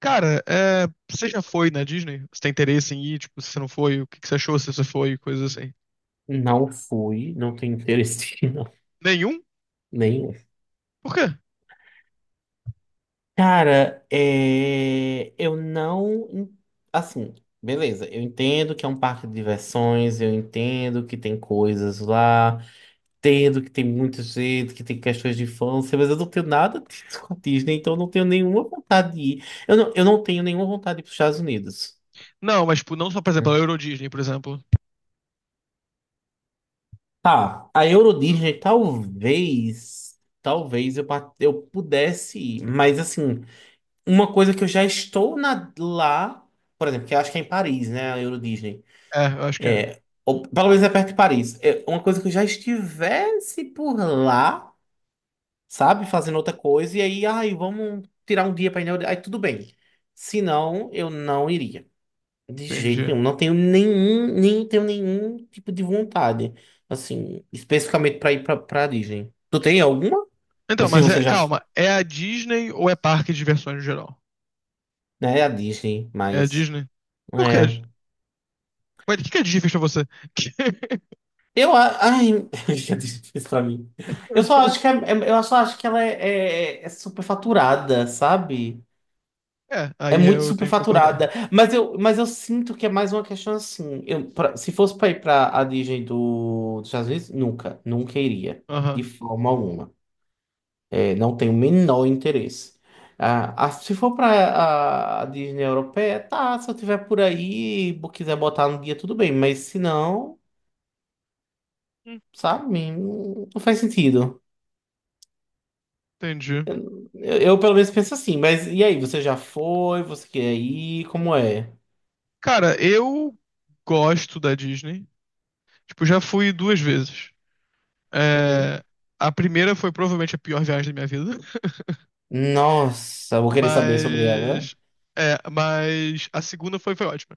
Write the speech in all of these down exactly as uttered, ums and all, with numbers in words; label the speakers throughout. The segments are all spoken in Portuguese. Speaker 1: Cara, é, você já foi na Disney? Você tem interesse em ir? Tipo, se você não foi, o que que você achou se você foi? Coisas assim.
Speaker 2: Não fui, não tenho interesse não,
Speaker 1: Nenhum?
Speaker 2: nenhum.
Speaker 1: Por quê?
Speaker 2: Cara, é... eu não. Assim, beleza, eu entendo que é um parque de diversões, eu entendo que tem coisas lá, entendo que tem muita gente, que tem questões de infância, mas eu não tenho nada disso com a Disney, então eu não tenho nenhuma vontade de ir. Eu não, eu não tenho nenhuma vontade de ir para os Estados Unidos.
Speaker 1: Não, mas, tipo, não só, por exemplo, a Euro Disney, por exemplo.
Speaker 2: Tá, a Euro Disney talvez. Talvez eu, pa- eu pudesse ir, mas assim. Uma coisa que eu já estou na- lá, por exemplo, que eu acho que é em Paris, né? A Euro Disney.
Speaker 1: É, eu acho que é.
Speaker 2: É, ou pelo menos é perto de Paris. É uma coisa que eu já estivesse por lá, sabe? Fazendo outra coisa, e aí, ai, vamos tirar um dia para ir na Euro... Aí tudo bem. Se não, eu não iria. De jeito
Speaker 1: Entendi.
Speaker 2: nenhum. Não tenho nenhum, nem tenho nenhum tipo de vontade. Assim, especificamente para ir para Disney. Tu tem alguma? Ou
Speaker 1: Então,
Speaker 2: se
Speaker 1: mas
Speaker 2: você
Speaker 1: é,
Speaker 2: já,
Speaker 1: calma, é a Disney ou é parque de diversões no geral?
Speaker 2: né, é a Disney,
Speaker 1: É a
Speaker 2: mas.
Speaker 1: Disney? Por quê?
Speaker 2: é,
Speaker 1: Ué, o que que a Disney fez pra você?
Speaker 2: Eu, a- ai, já disse isso pra mim. Eu só acho que é- é- eu só acho que ela é, é, é superfaturada, sabe?
Speaker 1: É,
Speaker 2: É
Speaker 1: aí
Speaker 2: muito
Speaker 1: eu tenho que concordar.
Speaker 2: superfaturada. Mas eu, mas eu sinto que é mais uma questão assim. Eu, pra- se fosse pra ir pra a Disney do, dos Estados Unidos, nunca, nunca iria. De
Speaker 1: Aham.
Speaker 2: forma alguma. É, não tenho o menor interesse. Ah, ah, se for pra a, a Disney europeia, tá. Se eu tiver por aí, e quiser botar no guia, tudo bem. Mas se não,
Speaker 1: Hum,
Speaker 2: sabe? Não não faz sentido.
Speaker 1: entendi.
Speaker 2: Eu, eu, pelo menos penso assim, mas e aí, você já foi? Você quer ir? Como é?
Speaker 1: Cara, eu gosto da Disney. Tipo, já fui duas vezes.
Speaker 2: Uhum.
Speaker 1: É, a primeira foi provavelmente a pior viagem da minha vida,
Speaker 2: Nossa, vou querer saber sobre ela.
Speaker 1: mas, é, mas a segunda foi, foi ótima.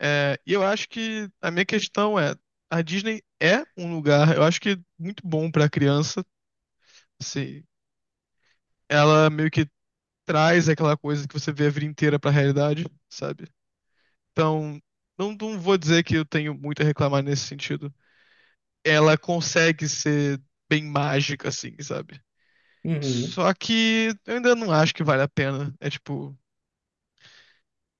Speaker 1: É, e eu acho que a minha questão é, a Disney é um lugar, eu acho que muito bom pra criança, assim, ela meio que traz aquela coisa que você vê a vida inteira pra realidade, sabe? Então, não, não vou dizer que eu tenho muito a reclamar nesse sentido. Ela consegue ser bem mágica, assim, sabe?
Speaker 2: Uhum.
Speaker 1: Só que eu ainda não acho que vale a pena. É tipo,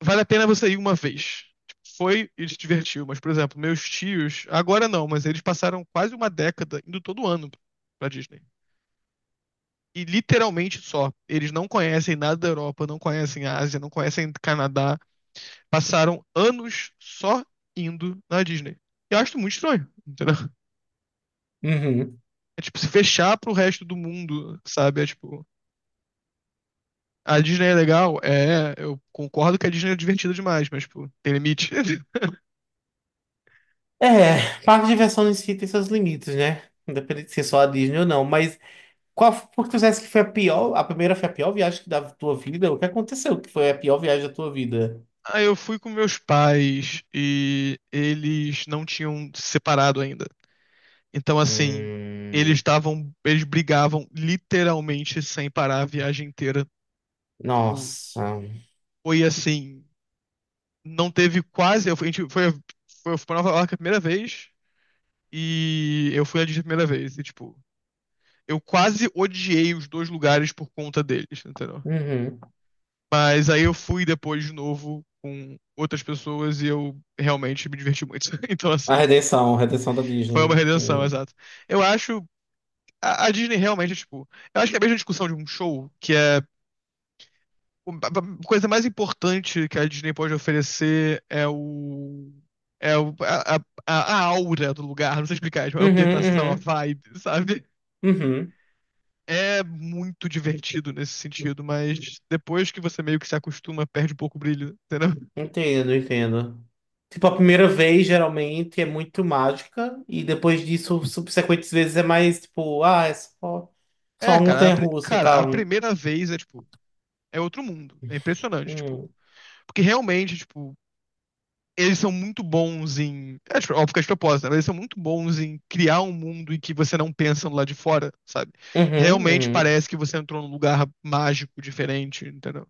Speaker 1: vale a pena você ir uma vez. Tipo, foi e se divertiu. Mas, por exemplo, meus tios, agora não, mas eles passaram quase uma década indo todo ano pra Disney. E literalmente só. Eles não conhecem nada da Europa, não conhecem a Ásia, não conhecem Canadá. Passaram anos só indo na Disney. Eu acho muito estranho, entendeu?
Speaker 2: Uhum.
Speaker 1: É tipo se fechar pro resto do mundo, sabe? É tipo. A Disney é legal, é, eu concordo que a Disney é divertida demais, mas, pô, tem limite.
Speaker 2: É, parque de diversões em si tem seus limites, né? Independente de ser só a Disney ou não, mas qual porque tu dissesse que foi a pior, a primeira foi a pior viagem que da tua vida? O que aconteceu que foi a pior viagem da tua vida?
Speaker 1: Aí eu fui com meus pais e eles não tinham se separado ainda. Então, assim, eles
Speaker 2: Hum,
Speaker 1: estavam, eles brigavam literalmente sem parar a viagem inteira. Tipo,
Speaker 2: nossa.
Speaker 1: foi assim, não teve quase, eu fui, a gente foi, foi, foi pra Nova York a primeira vez e eu fui à Disney a primeira vez. E, tipo, eu quase odiei os dois lugares por conta deles, entendeu?
Speaker 2: Uhum.
Speaker 1: Mas aí eu fui depois de novo com outras pessoas e eu realmente me diverti muito. Então,
Speaker 2: A
Speaker 1: assim,
Speaker 2: redenção, a redenção da
Speaker 1: foi uma
Speaker 2: Disney.
Speaker 1: redenção,
Speaker 2: Hum.
Speaker 1: exato. Eu acho. A, a Disney realmente é tipo. Eu acho que é a mesma discussão de um show, que é. A coisa mais importante que a Disney pode oferecer é o. É o, a, a, a aura do lugar, não sei explicar, tipo, a
Speaker 2: Uhum,
Speaker 1: ambientação, a
Speaker 2: uhum,
Speaker 1: vibe, sabe?
Speaker 2: uhum.
Speaker 1: É muito divertido nesse sentido, mas depois que você meio que se acostuma, perde um pouco o brilho, entendeu?
Speaker 2: Entendo, entendo. Tipo, a primeira vez geralmente é muito mágica, e depois disso, subsequentes vezes é mais tipo, ah, é só, só
Speaker 1: É,
Speaker 2: uma
Speaker 1: cara, a, pri-
Speaker 2: montanha-russa e
Speaker 1: cara, a
Speaker 2: tal.
Speaker 1: primeira vez é, tipo, é outro mundo. É impressionante, tipo.
Speaker 2: Hum.
Speaker 1: Porque realmente, tipo, eles são muito bons em. É, tipo, óbvio que é de propósito, né? Mas eles são muito bons em criar um mundo em que você não pensa no lado de fora, sabe?
Speaker 2: Uhum,
Speaker 1: Realmente
Speaker 2: uhum.
Speaker 1: parece que você entrou num lugar mágico, diferente, entendeu?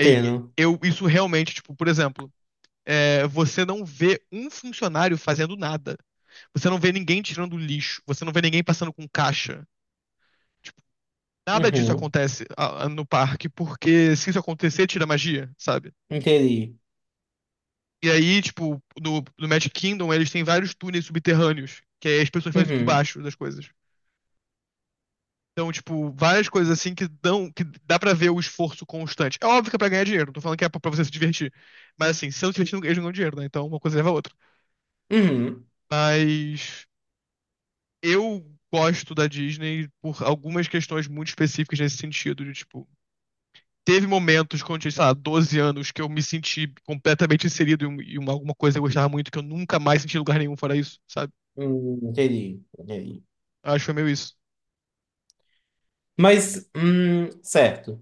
Speaker 1: E- e- eu, isso realmente, tipo, por exemplo, é, você não vê um funcionário fazendo nada. Você não vê ninguém tirando lixo. Você não vê ninguém passando com caixa. Nada disso
Speaker 2: Uhum.
Speaker 1: acontece ah, no parque, porque se isso acontecer, tira magia, sabe?
Speaker 2: Entendi.
Speaker 1: E aí, tipo, no, no Magic Kingdom, eles têm vários túneis subterrâneos, que aí as pessoas fazem isso por
Speaker 2: Uhum.
Speaker 1: baixo das coisas. Então, tipo, várias coisas assim que dão, que dá pra ver o esforço constante. É óbvio que é pra ganhar dinheiro, não tô falando que é pra pra você se divertir. Mas assim, se não se divertir, eles não ganham dinheiro, né? Então uma coisa leva a outra.
Speaker 2: Uhum.
Speaker 1: Mas eu gosto da Disney por algumas questões muito específicas nesse sentido, de tipo, teve momentos quando eu tinha, sei lá, doze anos que eu me senti completamente inserido em um- em uma, alguma coisa que eu gostava muito que eu nunca mais senti em lugar nenhum fora isso, sabe?
Speaker 2: Hum, entendi, entendi.
Speaker 1: Eu acho que foi meio isso.
Speaker 2: Mas, hum, certo.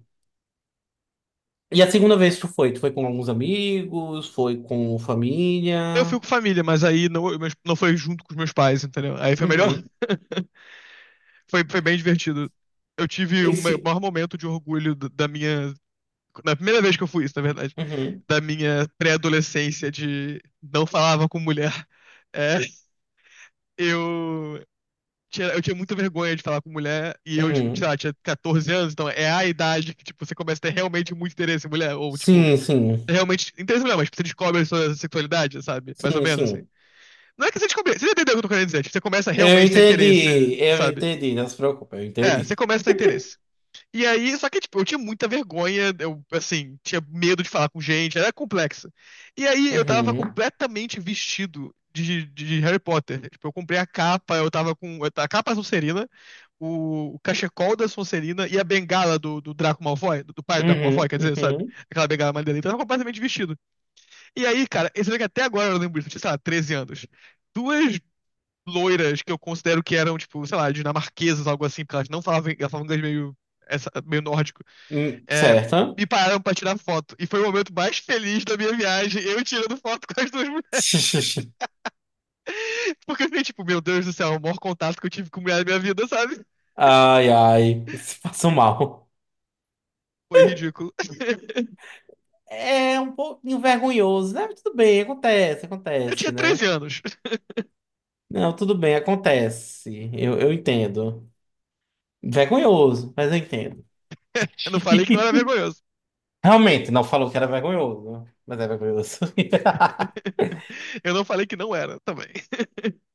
Speaker 2: E a segunda vez que tu foi? Tu foi com alguns amigos? Foi com
Speaker 1: Eu fui
Speaker 2: família?
Speaker 1: com família, mas aí não, eu- meus- não foi junto com os meus pais, entendeu? Aí foi melhor.
Speaker 2: Uhum.
Speaker 1: Foi, foi bem divertido. Eu tive o ma-
Speaker 2: Esse.
Speaker 1: maior momento de orgulho da da minha. Na primeira vez que eu fui isso, na verdade,
Speaker 2: Uhum.
Speaker 1: da minha pré-adolescência de não falava com mulher. É, eu tinha- eu tinha muita vergonha de falar com mulher, e eu, tipo, sei
Speaker 2: Uhum.
Speaker 1: lá, tinha quatorze anos, então é a idade que, tipo, você começa a ter realmente muito interesse em mulher, ou, tipo,
Speaker 2: Sim, sim.
Speaker 1: realmente, interesse em mulher, mas tipo, você descobre a sua sexualidade, sabe? Mais ou
Speaker 2: Sim,
Speaker 1: menos, assim.
Speaker 2: sim.
Speaker 1: Não é que você descobre, você entendeu o que eu tô querendo dizer, tipo, você começa a
Speaker 2: Eu
Speaker 1: realmente ter interesse,
Speaker 2: entendi, eu
Speaker 1: sabe?
Speaker 2: entendi, não se preocupe, eu
Speaker 1: É, você
Speaker 2: entendi.
Speaker 1: começa a ter interesse. E aí, só que, tipo, eu tinha muita vergonha, eu, assim, tinha medo de falar com gente, era complexa. E aí, eu tava
Speaker 2: Uhum,
Speaker 1: completamente vestido de, de Harry Potter. Tipo, eu comprei a capa, eu tava com. A capa azul a o, o cachecol da Sonserina e a bengala do, do Draco Malfoy, do, do pai do Draco
Speaker 2: uhum,
Speaker 1: Malfoy, quer dizer, sabe?
Speaker 2: uhum.
Speaker 1: Aquela bengala maneira. Então ele tava completamente vestido. E aí, cara, você vê que até agora eu lembro disso, eu tinha, sei lá, treze anos. Duas loiras que eu considero que eram, tipo, sei lá, dinamarquesas, algo assim, porque elas não falavam, elas falavam inglês meio, essa, meio nórdico.
Speaker 2: Hum,
Speaker 1: É,
Speaker 2: certo?
Speaker 1: me pararam pra tirar foto. E foi o momento mais feliz da minha viagem, eu tirando foto com as duas mulheres. Porque eu fiquei tipo, meu Deus do céu, é o maior contato que eu tive com mulher da minha vida, sabe?
Speaker 2: Ai, ai, se passo mal.
Speaker 1: Foi ridículo.
Speaker 2: É um pouquinho vergonhoso, né? Mas tudo bem, acontece,
Speaker 1: Eu tinha
Speaker 2: acontece,
Speaker 1: treze
Speaker 2: né?
Speaker 1: anos.
Speaker 2: Não, tudo bem, acontece. Eu, eu entendo. Vergonhoso, mas eu entendo.
Speaker 1: Eu não falei que não era vergonhoso.
Speaker 2: Realmente, não falou que era vergonhoso, mas é vergonhoso.
Speaker 1: Eu não falei que não era também.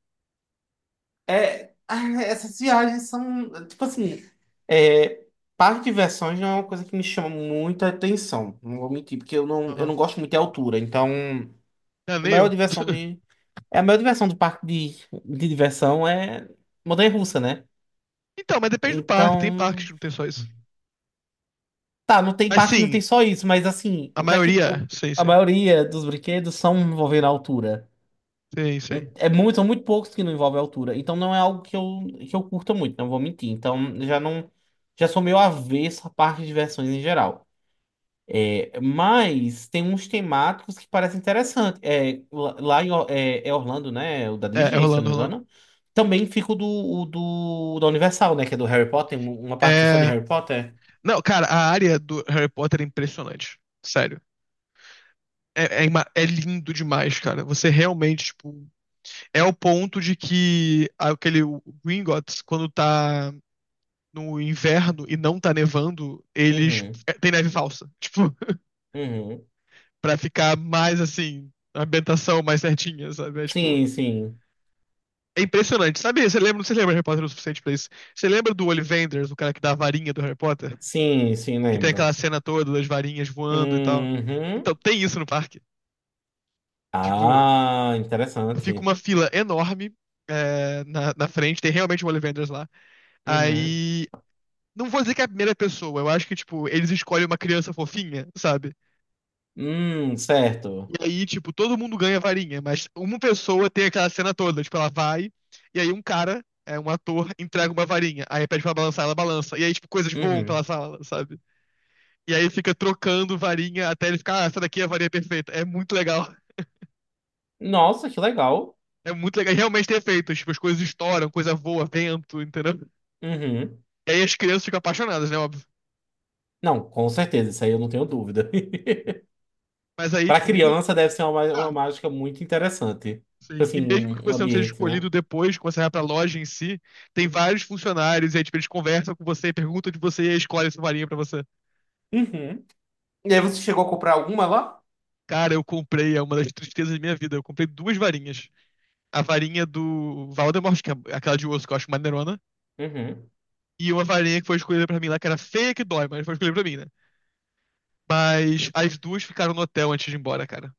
Speaker 2: É, ah, essas viagens são, tipo assim, é, parque de diversões não é uma coisa que me chama muita atenção, não vou mentir, porque eu não, eu
Speaker 1: Uhum.
Speaker 2: não gosto muito de altura, então
Speaker 1: Ah, nem
Speaker 2: a maior
Speaker 1: eu.
Speaker 2: diversão do, é a maior diversão do parque de, de diversão é montanha-russa, né?
Speaker 1: Então, mas depende do parque. Tem parques
Speaker 2: Então,
Speaker 1: que não tem só isso.
Speaker 2: tá, não tem
Speaker 1: Mas
Speaker 2: parque, não
Speaker 1: sim,
Speaker 2: tem só isso, mas assim,
Speaker 1: a
Speaker 2: o que é que o-
Speaker 1: maioria. Sim,
Speaker 2: a
Speaker 1: sim.
Speaker 2: maioria dos brinquedos são envolvendo a altura?
Speaker 1: Sim, sim.
Speaker 2: É muito, são muito poucos que não envolvem altura. Então não é algo que eu, que eu curta muito, não vou mentir. Então já não. Já sou meio avesso a parques de diversões em geral. É, mas tem uns temáticos que parecem interessantes. É, lá lá em Or- é, é Orlando, né? É o da
Speaker 1: É, é
Speaker 2: Disney, se eu
Speaker 1: rolando,
Speaker 2: não me
Speaker 1: rolando.
Speaker 2: engano. Também fica o do, o do, da Universal, né? Que é do Harry Potter. um- Uma parte que é só de
Speaker 1: É.
Speaker 2: Harry Potter.
Speaker 1: Não, cara, a área do Harry Potter é impressionante. Sério. É, é, ima- é lindo demais, cara. Você realmente, tipo. É o ponto de que aquele o Gringotts, quando tá no inverno e não tá nevando, eles.
Speaker 2: Uhum,
Speaker 1: é, Tem neve falsa. Tipo.
Speaker 2: uhum.
Speaker 1: Pra ficar mais assim, a ambientação mais certinha, sabe? É tipo.
Speaker 2: Sim, sim.
Speaker 1: É impressionante. Sabe, você lembra, não sei se lembra de Harry Potter o suficiente pra isso. Você lembra do Ollivanders, o cara que dá a varinha do Harry Potter?
Speaker 2: Sim, sim,
Speaker 1: Que tem
Speaker 2: lembro.
Speaker 1: aquela cena toda das varinhas voando e tal.
Speaker 2: Uhum.
Speaker 1: Então, tem isso no parque. Tipo,
Speaker 2: Ah,
Speaker 1: fica uma
Speaker 2: interessante.
Speaker 1: fila enorme é, na, na frente, tem realmente um Ollivanders lá.
Speaker 2: Uhum.
Speaker 1: Aí. Não vou dizer que é a primeira pessoa, eu acho que, tipo, eles escolhem uma criança fofinha, sabe?
Speaker 2: Hum, certo.
Speaker 1: E aí, tipo, todo mundo ganha varinha, mas uma pessoa tem aquela cena toda, tipo, ela vai, e aí um cara, é um ator, entrega uma varinha, aí pede pra balançar, ela balança, e aí, tipo, coisas voam pela
Speaker 2: Uhum.
Speaker 1: sala, sabe? E aí fica trocando varinha até ele ficar, ah, essa daqui é a varinha perfeita. É muito legal.
Speaker 2: Nossa, que legal.
Speaker 1: É muito legal. E realmente tem efeitos, tipo, as coisas estouram, coisa voa, vento, entendeu?
Speaker 2: Uhum.
Speaker 1: E aí as crianças ficam apaixonadas, né, óbvio.
Speaker 2: Não, com certeza, isso aí eu não tenho dúvida.
Speaker 1: Mas aí,
Speaker 2: Para
Speaker 1: tipo, meio-
Speaker 2: criança deve ser uma, ma-
Speaker 1: ah,
Speaker 2: uma mágica muito interessante. Tipo
Speaker 1: sim. E
Speaker 2: assim,
Speaker 1: mesmo que
Speaker 2: um, um
Speaker 1: você não seja
Speaker 2: ambiente,
Speaker 1: escolhido
Speaker 2: né?
Speaker 1: depois, quando você vai pra loja em si, tem vários funcionários, e aí, tipo, eles conversam com você, perguntam de você e aí escolhem sua varinha pra você.
Speaker 2: Uhum. E aí você chegou a comprar alguma lá?
Speaker 1: Cara, eu comprei, é uma das tristezas da minha vida. Eu comprei duas varinhas. A varinha do Valdemort, que é aquela de osso que eu acho maneirona,
Speaker 2: Uhum.
Speaker 1: e uma varinha que foi escolhida pra mim lá, que era feia que dói, mas foi escolhida pra mim, né? Mas as duas ficaram no hotel antes de ir embora, cara.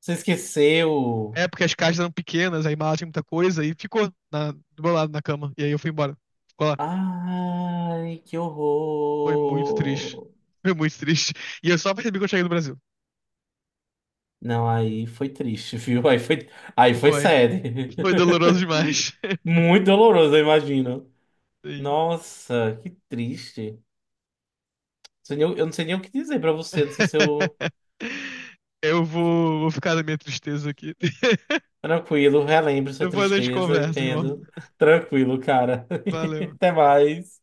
Speaker 2: Você esqueceu?
Speaker 1: É porque as caixas eram pequenas, aí mala tinha muita coisa, e ficou na- do meu lado na cama. E aí eu fui embora. Ficou lá.
Speaker 2: Ai, que
Speaker 1: Foi muito triste.
Speaker 2: horror.
Speaker 1: Foi muito triste. E eu só percebi que eu cheguei no Brasil.
Speaker 2: Não, aí foi triste, viu? Aí foi, aí foi
Speaker 1: Foi.
Speaker 2: sério.
Speaker 1: Foi doloroso demais.
Speaker 2: Muito doloroso, eu imagino.
Speaker 1: Sim.
Speaker 2: Nossa, que triste. Sei nem- Eu não sei nem o que dizer pra você. Não sei se eu.
Speaker 1: Eu vou, vou ficar na minha tristeza aqui.
Speaker 2: Tranquilo, relembro sua
Speaker 1: Depois a gente
Speaker 2: tristeza,
Speaker 1: conversa, irmão.
Speaker 2: entendo. Tranquilo, cara.
Speaker 1: Valeu.
Speaker 2: Até mais.